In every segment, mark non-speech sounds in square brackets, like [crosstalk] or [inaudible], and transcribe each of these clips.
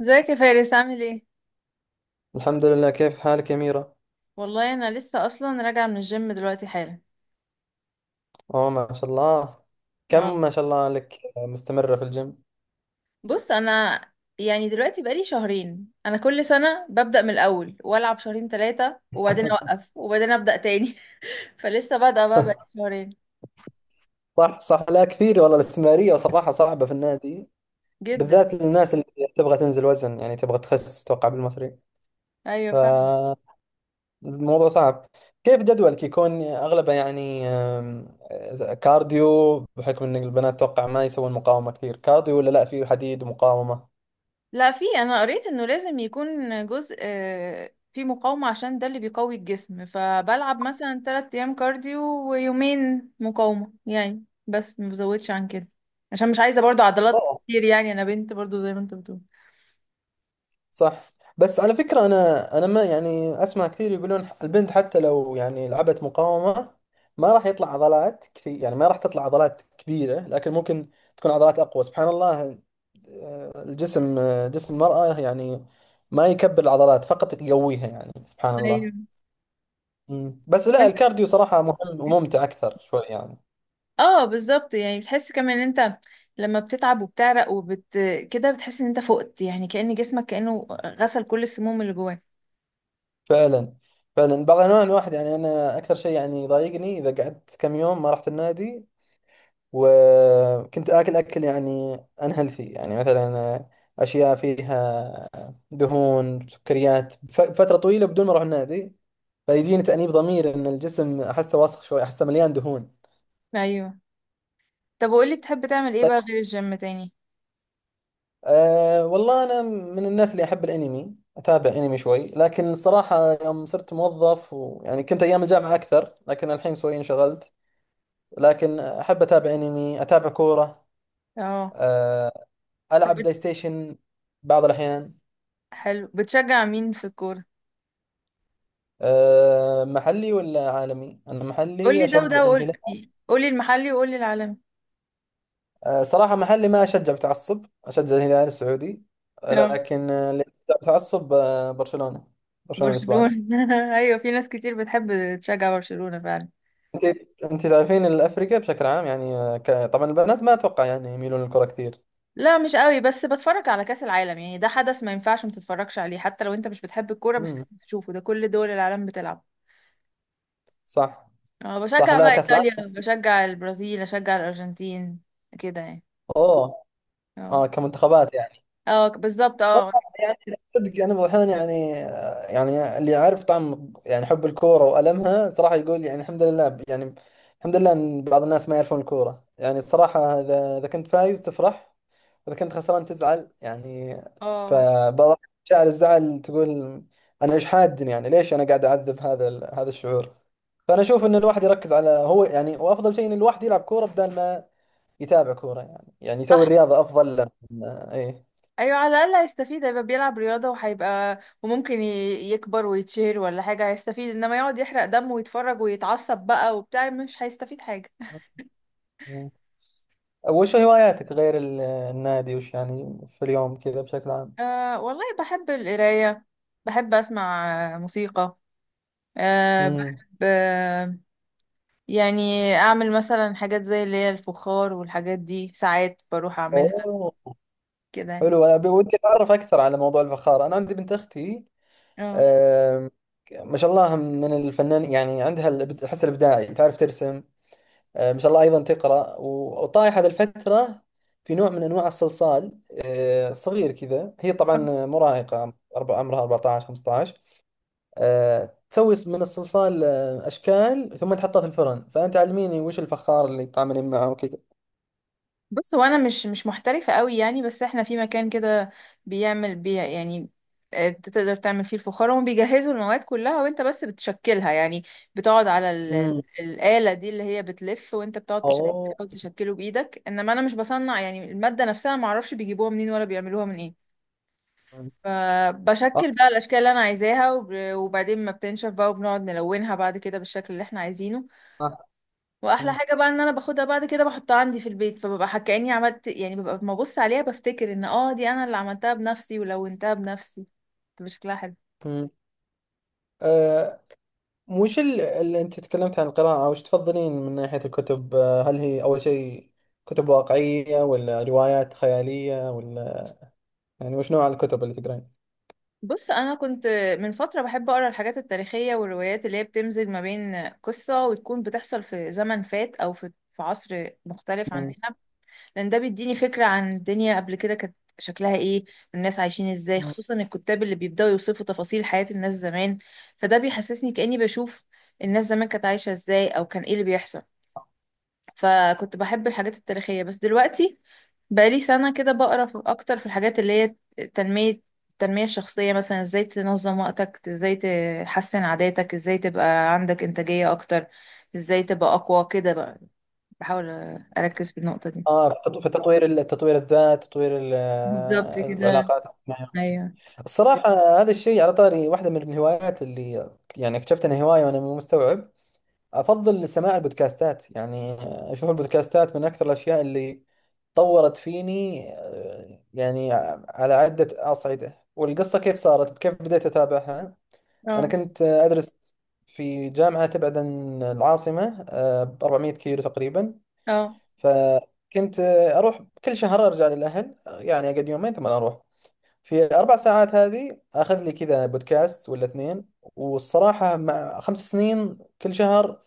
ازيك يا فارس؟ عامل ايه؟ الحمد لله، كيف حالك يا ميرا؟ والله انا لسه اصلا راجعه من الجيم دلوقتي حالا. اوه، ما شاء الله. اه، كم ما شاء الله لك مستمرة في الجيم. بص انا، يعني دلوقتي بقالي شهرين. انا كل سنه ببدا من الاول والعب شهرين ثلاثه وبعدين اوقف وبعدين ابدا تاني. [laughs] فلسه بادئه بقى بقالي شهرين. صح صح، لا كثير والله، الاستمرارية صراحة صعبة في النادي، جدا. بالذات للناس اللي تبغى تنزل وزن، يعني تبغى تخس توقع بالمصري، ايوه فعلا. فالموضوع صعب. كيف جدولك يكون اغلبه يعني كارديو، بحكم ان البنات توقع ما يسوون مقاومة كثير، كارديو ولا لا فيه حديد ومقاومة؟ لا، انا قريت انه لازم يكون جزء في مقاومة عشان ده اللي بيقوي الجسم، فبلعب مثلا تلات ايام كارديو ويومين مقاومة يعني، بس ما بزودش عن كده عشان مش عايزة برضو عضلات كتير، يعني انا بنت برضو زي ما انت بتقول. صح. بس على فكرة أنا ما يعني أسمع كثير يقولون البنت حتى لو يعني لعبت مقاومة ما راح يطلع عضلات كثير، يعني ما راح تطلع عضلات كبيرة لكن ممكن تكون عضلات أقوى سبحان الله. الجسم، جسم المرأة يعني ما يكبر العضلات فقط يقويها، يعني سبحان الله. ايوه. بس لا وانت- الكارديو صراحة مهم وممتع أكثر شوي يعني. اه بالظبط، يعني بتحس كمان ان انت لما بتتعب وبتعرق كده، بتحس ان انت فقت، يعني كأن جسمك كأنه غسل كل السموم اللي جواه. فعلا فعلا، بعض الأحيان الواحد يعني أنا أكثر شيء يعني يضايقني إذا قعدت كم يوم ما رحت النادي وكنت آكل أكل يعني unhealthy، يعني مثلا أشياء فيها دهون سكريات فترة طويلة بدون ما أروح النادي، فيجيني تأنيب ضمير إن الجسم أحسه وسخ شوي، أحسه مليان دهون. ايوه. طب وقولي، بتحب تعمل ايه طيب، بقى غير الجيم تاني؟ أه والله أنا من الناس اللي أحب الأنمي، أتابع أنمي شوي، لكن الصراحة يوم صرت موظف ويعني كنت أيام الجامعة أكثر لكن الحين شوي انشغلت، لكن أحب أتابع أنمي أتابع كورة. اه. أه، ألعب بلاي ستيشن بعض الأحيان. حلو، بتشجع مين في الكورة؟ أه محلي ولا عالمي؟ أنا محلي قولي ده وده، أشجع وقول، الهلال. قولي المحلي وقولي العالمي. أه صراحة محلي ما أشجع بتعصب، أشجع الهلال السعودي. اه، لكن اللي أشجع بتعصب برشلونة، برشلونة الإسباني. برشلونة. [laughs] ايوه، في ناس كتير بتحب تشجع برشلونة فعلا. أنت أنت تعرفين الأفريقيا بشكل عام يعني، أه، ك- طبعا البنات ما أتوقع يعني يميلون للكرة كثير. لا مش قوي، بس بتفرج على كأس العالم يعني. ده حدث ما ينفعش ما تتفرجش عليه، حتى لو انت مش بتحب الكورة بس امم، لازم تشوفه، ده كل دول العالم بتلعب. صح اه، صح، بشجع لا بقى كأس ايطاليا، العالم. بشجع البرازيل، اشجع الارجنتين كده يعني. أوه. اه. آه، كمنتخبات يعني. اه بالظبط اه. والله يعني صدق انا بعض الاحيان يعني، يعني اللي عارف طعم يعني حب الكوره والمها صراحه يقول يعني الحمد لله، يعني الحمد لله ان بعض الناس ما يعرفون الكوره يعني صراحه. اذا كنت فايز تفرح، اذا كنت خسران تزعل يعني. اه. فبعض شاعر الزعل تقول انا ايش حادني يعني ليش انا قاعد اعذب هذا الشعور. فانا اشوف ان الواحد يركز على هو يعني، وافضل شيء ان الواحد يلعب كوره بدل ما يتابع كوره، يعني يعني يسوي الرياضه افضل له. ايوه، على الاقل هيستفيد، هيبقى بيلعب رياضه وهيبقى وممكن يكبر ويتشهر ولا حاجه، هيستفيد. انما يقعد يحرق دم ويتفرج ويتعصب بقى وبتاع، مش هيستفيد حاجه. ايه، وش هواياتك غير النادي، وش يعني في اليوم كذا بشكل عام. أه والله بحب القرايه، بحب اسمع موسيقى. أه امم، بحب يعني اعمل مثلا حاجات زي اللي هي الفخار والحاجات دي، ساعات بروح اعملها اوه، كده يعني. حلو. انا ودي اتعرف اكثر على موضوع الفخار، انا عندي بنت اختي. اه. آم، ما شاء الله من الفنان يعني عندها الحس الابداعي، تعرف ترسم. ما شاء الله ايضا تقرا وطايحه هذه الفتره في نوع من انواع الصلصال، صغير كذا. هي طبعا مراهقه، عمرها 14 15. تسوي من الصلصال اشكال ثم تحطها في الفرن. فانت علميني وش الفخار اللي تعاملين معه وكذا. بص هو انا مش محترفه قوي يعني، بس احنا في مكان كده بيعمل بي يعني آه، بتقدر تعمل فيه الفخار. هم بيجهزوا المواد كلها وانت بس بتشكلها يعني، بتقعد على ال... امم، الآلة دي اللي هي بتلف وانت بتقعد اوه، تحاول تشكله بايدك. انما انا مش بصنع يعني المادة نفسها، ما اعرفش بيجيبوها منين ولا بيعملوها من ايه. مم. آه، فبشكل بقى الاشكال اللي انا عايزاها، وبعدين ما بتنشف بقى وبنقعد نلونها بعد كده بالشكل اللي احنا عايزينه. آه، مم، واحلى حاجه بقى ان انا باخدها بعد كده بحطها عندي في البيت، فببقى كاني عملت يعني، ببقى لما ابص عليها بفتكر ان اه دي انا اللي عملتها بنفسي ولونتها بنفسي. بتبقى شكلها حلو. مم. آه، وش اللي انت تكلمت عن القراءة، وش تفضلين من ناحية الكتب؟ هل هي اول شيء كتب واقعية ولا روايات خيالية ولا، يعني وش نوع الكتب اللي تقرين؟ بص انا كنت من فتره بحب اقرا الحاجات التاريخيه والروايات اللي هي بتمزج ما بين قصه وتكون بتحصل في زمن فات او في عصر مختلف عننا، مم. لان ده بيديني فكرة عن الدنيا قبل كده كانت شكلها ايه، الناس عايشين ازاي، مم. خصوصا الكتاب اللي بيبدأوا يوصفوا تفاصيل حياة الناس زمان. فده بيحسسني كأني بشوف الناس زمان كانت عايشة ازاي او كان ايه اللي بيحصل. فكنت بحب الحاجات التاريخية، بس دلوقتي بقالي سنة كده بقرا في اكتر في الحاجات اللي هي تنمية التنمية الشخصية، مثلا ازاي تنظم وقتك، ازاي تحسن عاداتك، ازاي تبقى عندك انتاجية اكتر، ازاي تبقى اقوى كده بقى. بحاول اركز في النقطة دي. اه في في تطوير تطوير الذات، تطوير بالظبط كده. العلاقات. ايوه. الصراحة هذا الشيء على طاري واحدة من الهوايات اللي يعني اكتشفت انها هواية وانا مو مستوعب، افضل سماع البودكاستات يعني. اشوف البودكاستات من اكثر الاشياء اللي طورت فيني، يعني على عدة اصعدة. والقصة كيف صارت، كيف بديت اتابعها: انا اه. كنت ادرس في جامعة تبعد عن العاصمة ب 400 كيلو تقريبا، اه. فكنت اروح كل شهر ارجع للاهل، يعني اقعد يومين ثم اروح. في 4 ساعات هذه أخذ لي كذا بودكاست ولا اثنين. والصراحة مع 5 سنين كل شهر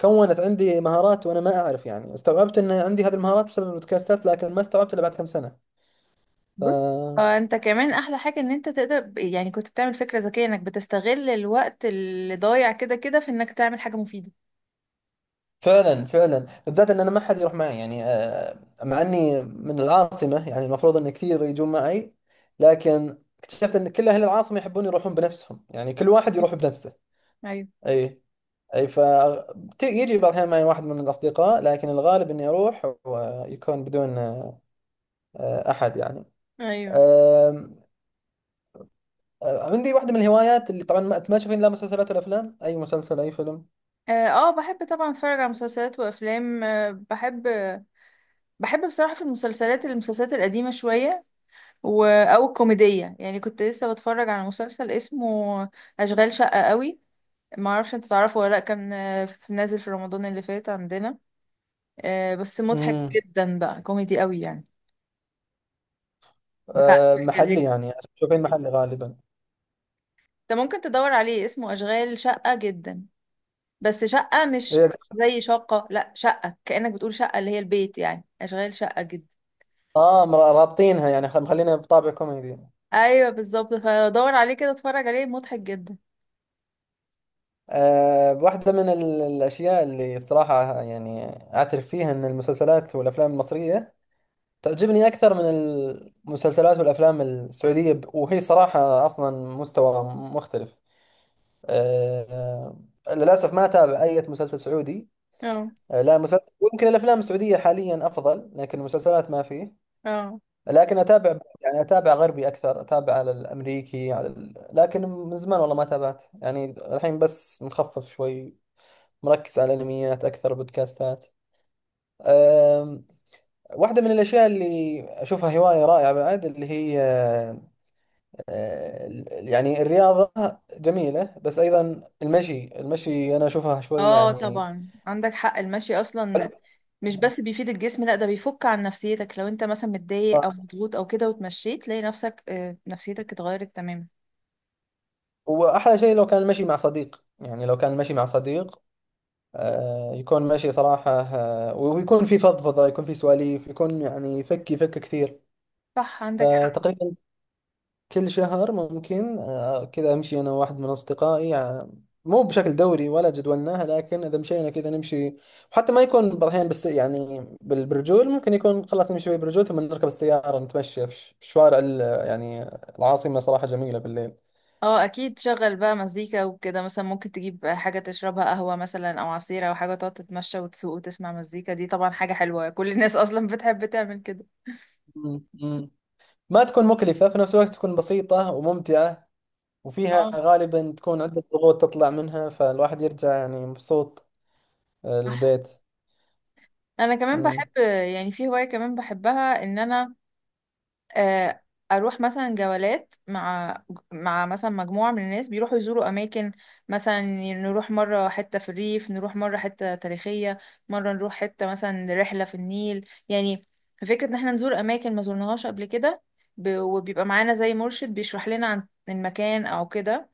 كونت عندي مهارات وأنا ما أعرف، يعني استوعبت أن عندي هذه المهارات بسبب البودكاستات لكن ما استوعبت إلا بعد كم سنة. بص. ف... اه انت كمان احلى حاجة ان انت تقدر يعني كنت بتعمل فكرة ذكية انك بتستغل الوقت اللي ضايع كده كده في انك تعمل حاجة مفيدة. فعلا فعلا بالذات أن أنا ما حد يروح معي يعني، مع أني من العاصمة يعني المفروض أن كثير يجون معي، لكن اكتشفت أن كل أهل العاصمة يحبون يروحون بنفسهم، يعني كل واحد يروح بنفسه. ايوه. أي، اي ف، يجي بعض الاحيان معي واحد من الاصدقاء لكن الغالب اني اروح ويكون بدون احد يعني. ايوه. آم، عندي واحده من الهوايات، اللي طبعا ما تشوفين لا مسلسلات ولا افلام، اي مسلسل اي فيلم. اه. بحب طبعا اتفرج على مسلسلات وافلام. بحب، بحب بصراحة في المسلسلات المسلسلات القديمة شوية و... او الكوميدية يعني. كنت لسه بتفرج على مسلسل اسمه اشغال شقة قوي، ما اعرفش انت تعرفه ولا لا. كان نازل في رمضان اللي فات عندنا. بس مضحك امم، جدا بقى، كوميدي قوي يعني، بتاع الشغالات. محلي يعني تشوفين محلي غالبا؟ انت ممكن تدور عليه اسمه اشغال شقة جدا، بس شقة مش إيه، زي شقة، لا شقة كأنك بتقول شقة اللي هي البيت يعني، اشغال شقة جدا. اه رابطينها يعني مخلينها بطابع كوميدي. ايوه بالظبط، فدور عليه كده اتفرج عليه مضحك جدا. واحدة من الأشياء اللي صراحة يعني أعترف فيها أن المسلسلات والأفلام المصرية تعجبني أكثر من المسلسلات والأفلام السعودية، وهي صراحة أصلا مستوى مختلف. أه، للأسف ما أتابع أي مسلسل سعودي. اه. أه لا مسلسل، ويمكن الأفلام السعودية حاليا أفضل لكن المسلسلات ما فيه. اه. لكن أتابع يعني أتابع غربي أكثر، أتابع على الأمريكي على ال... لكن من زمان والله ما تابعت يعني. الحين بس مخفف شوي، مركز على الأنميات أكثر، بودكاستات. أه، واحدة من الأشياء اللي أشوفها هواية رائعة بعد، اللي هي يعني الرياضة جميلة، بس أيضا المشي، المشي أنا أشوفها شوي اه يعني. طبعا عندك حق، المشي اصلا مش بس بيفيد الجسم، لا ده بيفك عن نفسيتك. لو انت مثلا متضايق او مضغوط او كده وتمشيت، تلاقي نفسك نفسيتك اتغيرت تماما. وأحلى شيء لو كان المشي مع صديق، يعني لو كان المشي مع صديق يكون مشي صراحة، ويكون في فضفضة يكون في سواليف، يكون يعني يفك يفك كثير. صح عندك حق. فتقريبا كل شهر ممكن كذا امشي انا واحد من اصدقائي، مو بشكل دوري ولا جدولناها لكن اذا مشينا كذا نمشي. وحتى ما يكون، بعض الاحيان بس يعني بالرجول، ممكن يكون خلاص نمشي شوي بالرجول ثم نركب السياره نتمشى في في شوارع يعني العاصمه، صراحه جميله بالليل. اه اكيد، شغل بقى مزيكا وكده، مثلا ممكن تجيب حاجة تشربها قهوة مثلا او عصير او حاجة، تقعد تتمشى وتسوق وتسمع مزيكا، دي طبعا حاجة حلوة، كل الناس اصلا بتحب تعمل كده. مم. مم. ما تكون مكلفه، في نفس الوقت تكون بسيطه وممتعه، وفيها اه. غالبا تكون عده ضغوط تطلع منها فالواحد يرجع يعني مبسوط، صح. للبيت. انا كمان مم. بحب، يعني في هواية كمان بحبها ان انا آه، اروح مثلا جولات مع مثلا مجموعه من الناس بيروحوا يزوروا اماكن. مثلا نروح مره حته في الريف، نروح مره حته تاريخيه، مره نروح حته مثلا رحله في النيل يعني. فكره ان احنا نزور اماكن ما زورناهاش قبل كده، وبيبقى معانا زي مرشد بيشرح لنا عن المكان او كده.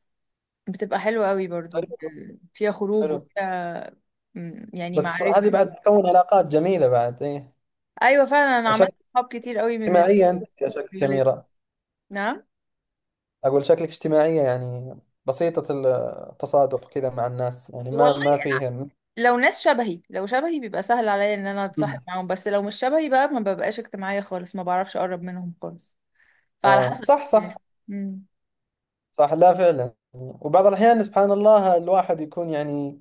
بتبقى حلوه قوي برضو، حلو فيها خروج حلو، وفيها يعني بس هذه معرفه. بعد تكون علاقات جميلة بعد ايه. ايوه فعلا، انا عملت شكل صحاب كتير قوي من اجتماعية انت يا، شكل الجولات. كاميرا، نعم. اقول شكلك اجتماعية يعني بسيطة، التصادق كذا مع الناس يعني ما والله ما فيه. لو ناس شبهي، لو شبهي بيبقى سهل عليا ان انا اتصاحب معاهم، بس لو مش شبهي بقى ما ببقاش اجتماعية خالص، ما بعرفش اقرب منهم خالص. فعلى اه حسب. صح صح. امم. صح لا فعلا، وبعض الأحيان سبحان الله الواحد يكون يعني،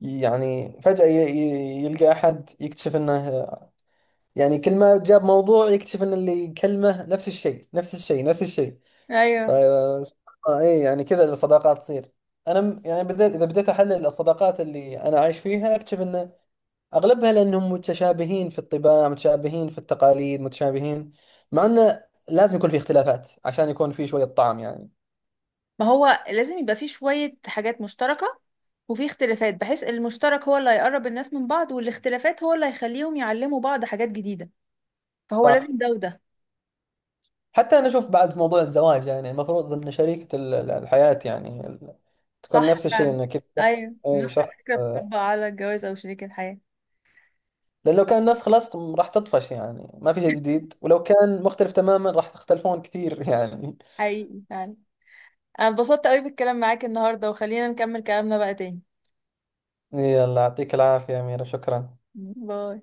يعني فجأة يلقى أحد يكتشف أنه يعني كل ما جاب موضوع يكتشف أن اللي يكلمه نفس الشيء نفس الشيء نفس الشيء. ايوه، فسبحان الله، اي يعني كذا الصداقات تصير. انا يعني بديت، اذا بديت احلل الصداقات اللي انا عايش فيها اكتشف ان اغلبها لانهم متشابهين في الطباع متشابهين في التقاليد متشابهين، مع انه لازم يكون في اختلافات عشان يكون في شوية طعم يعني. ما هو لازم يبقى فيه شوية حاجات مشتركة وفي اختلافات، بحيث المشترك هو اللي هيقرب الناس من بعض، والاختلافات هو اللي هيخليهم يعلموا بعض حاجات جديدة. فهو صح. لازم ده وده. حتى انا اشوف بعد موضوع الزواج، يعني المفروض ان شريكة الحياة يعني تكون صح نفس الشيء، فعلا. انه كذا ايوه شخص اي نفس شخص. الفكرة آه، بتطبق على الجواز او شريك الحياة. لأن لو كان ناس خلاص راح تطفش يعني ما في شيء جديد، ولو كان مختلف تماما راح تختلفون كثير [laughs] يعني. حقيقي فعلا. انا اتبسطت قوي بالكلام معاك النهاردة، وخلينا نكمل كلامنا بقى تاني. يلا يعطيك العافية يا أميرة، شكرا. باي.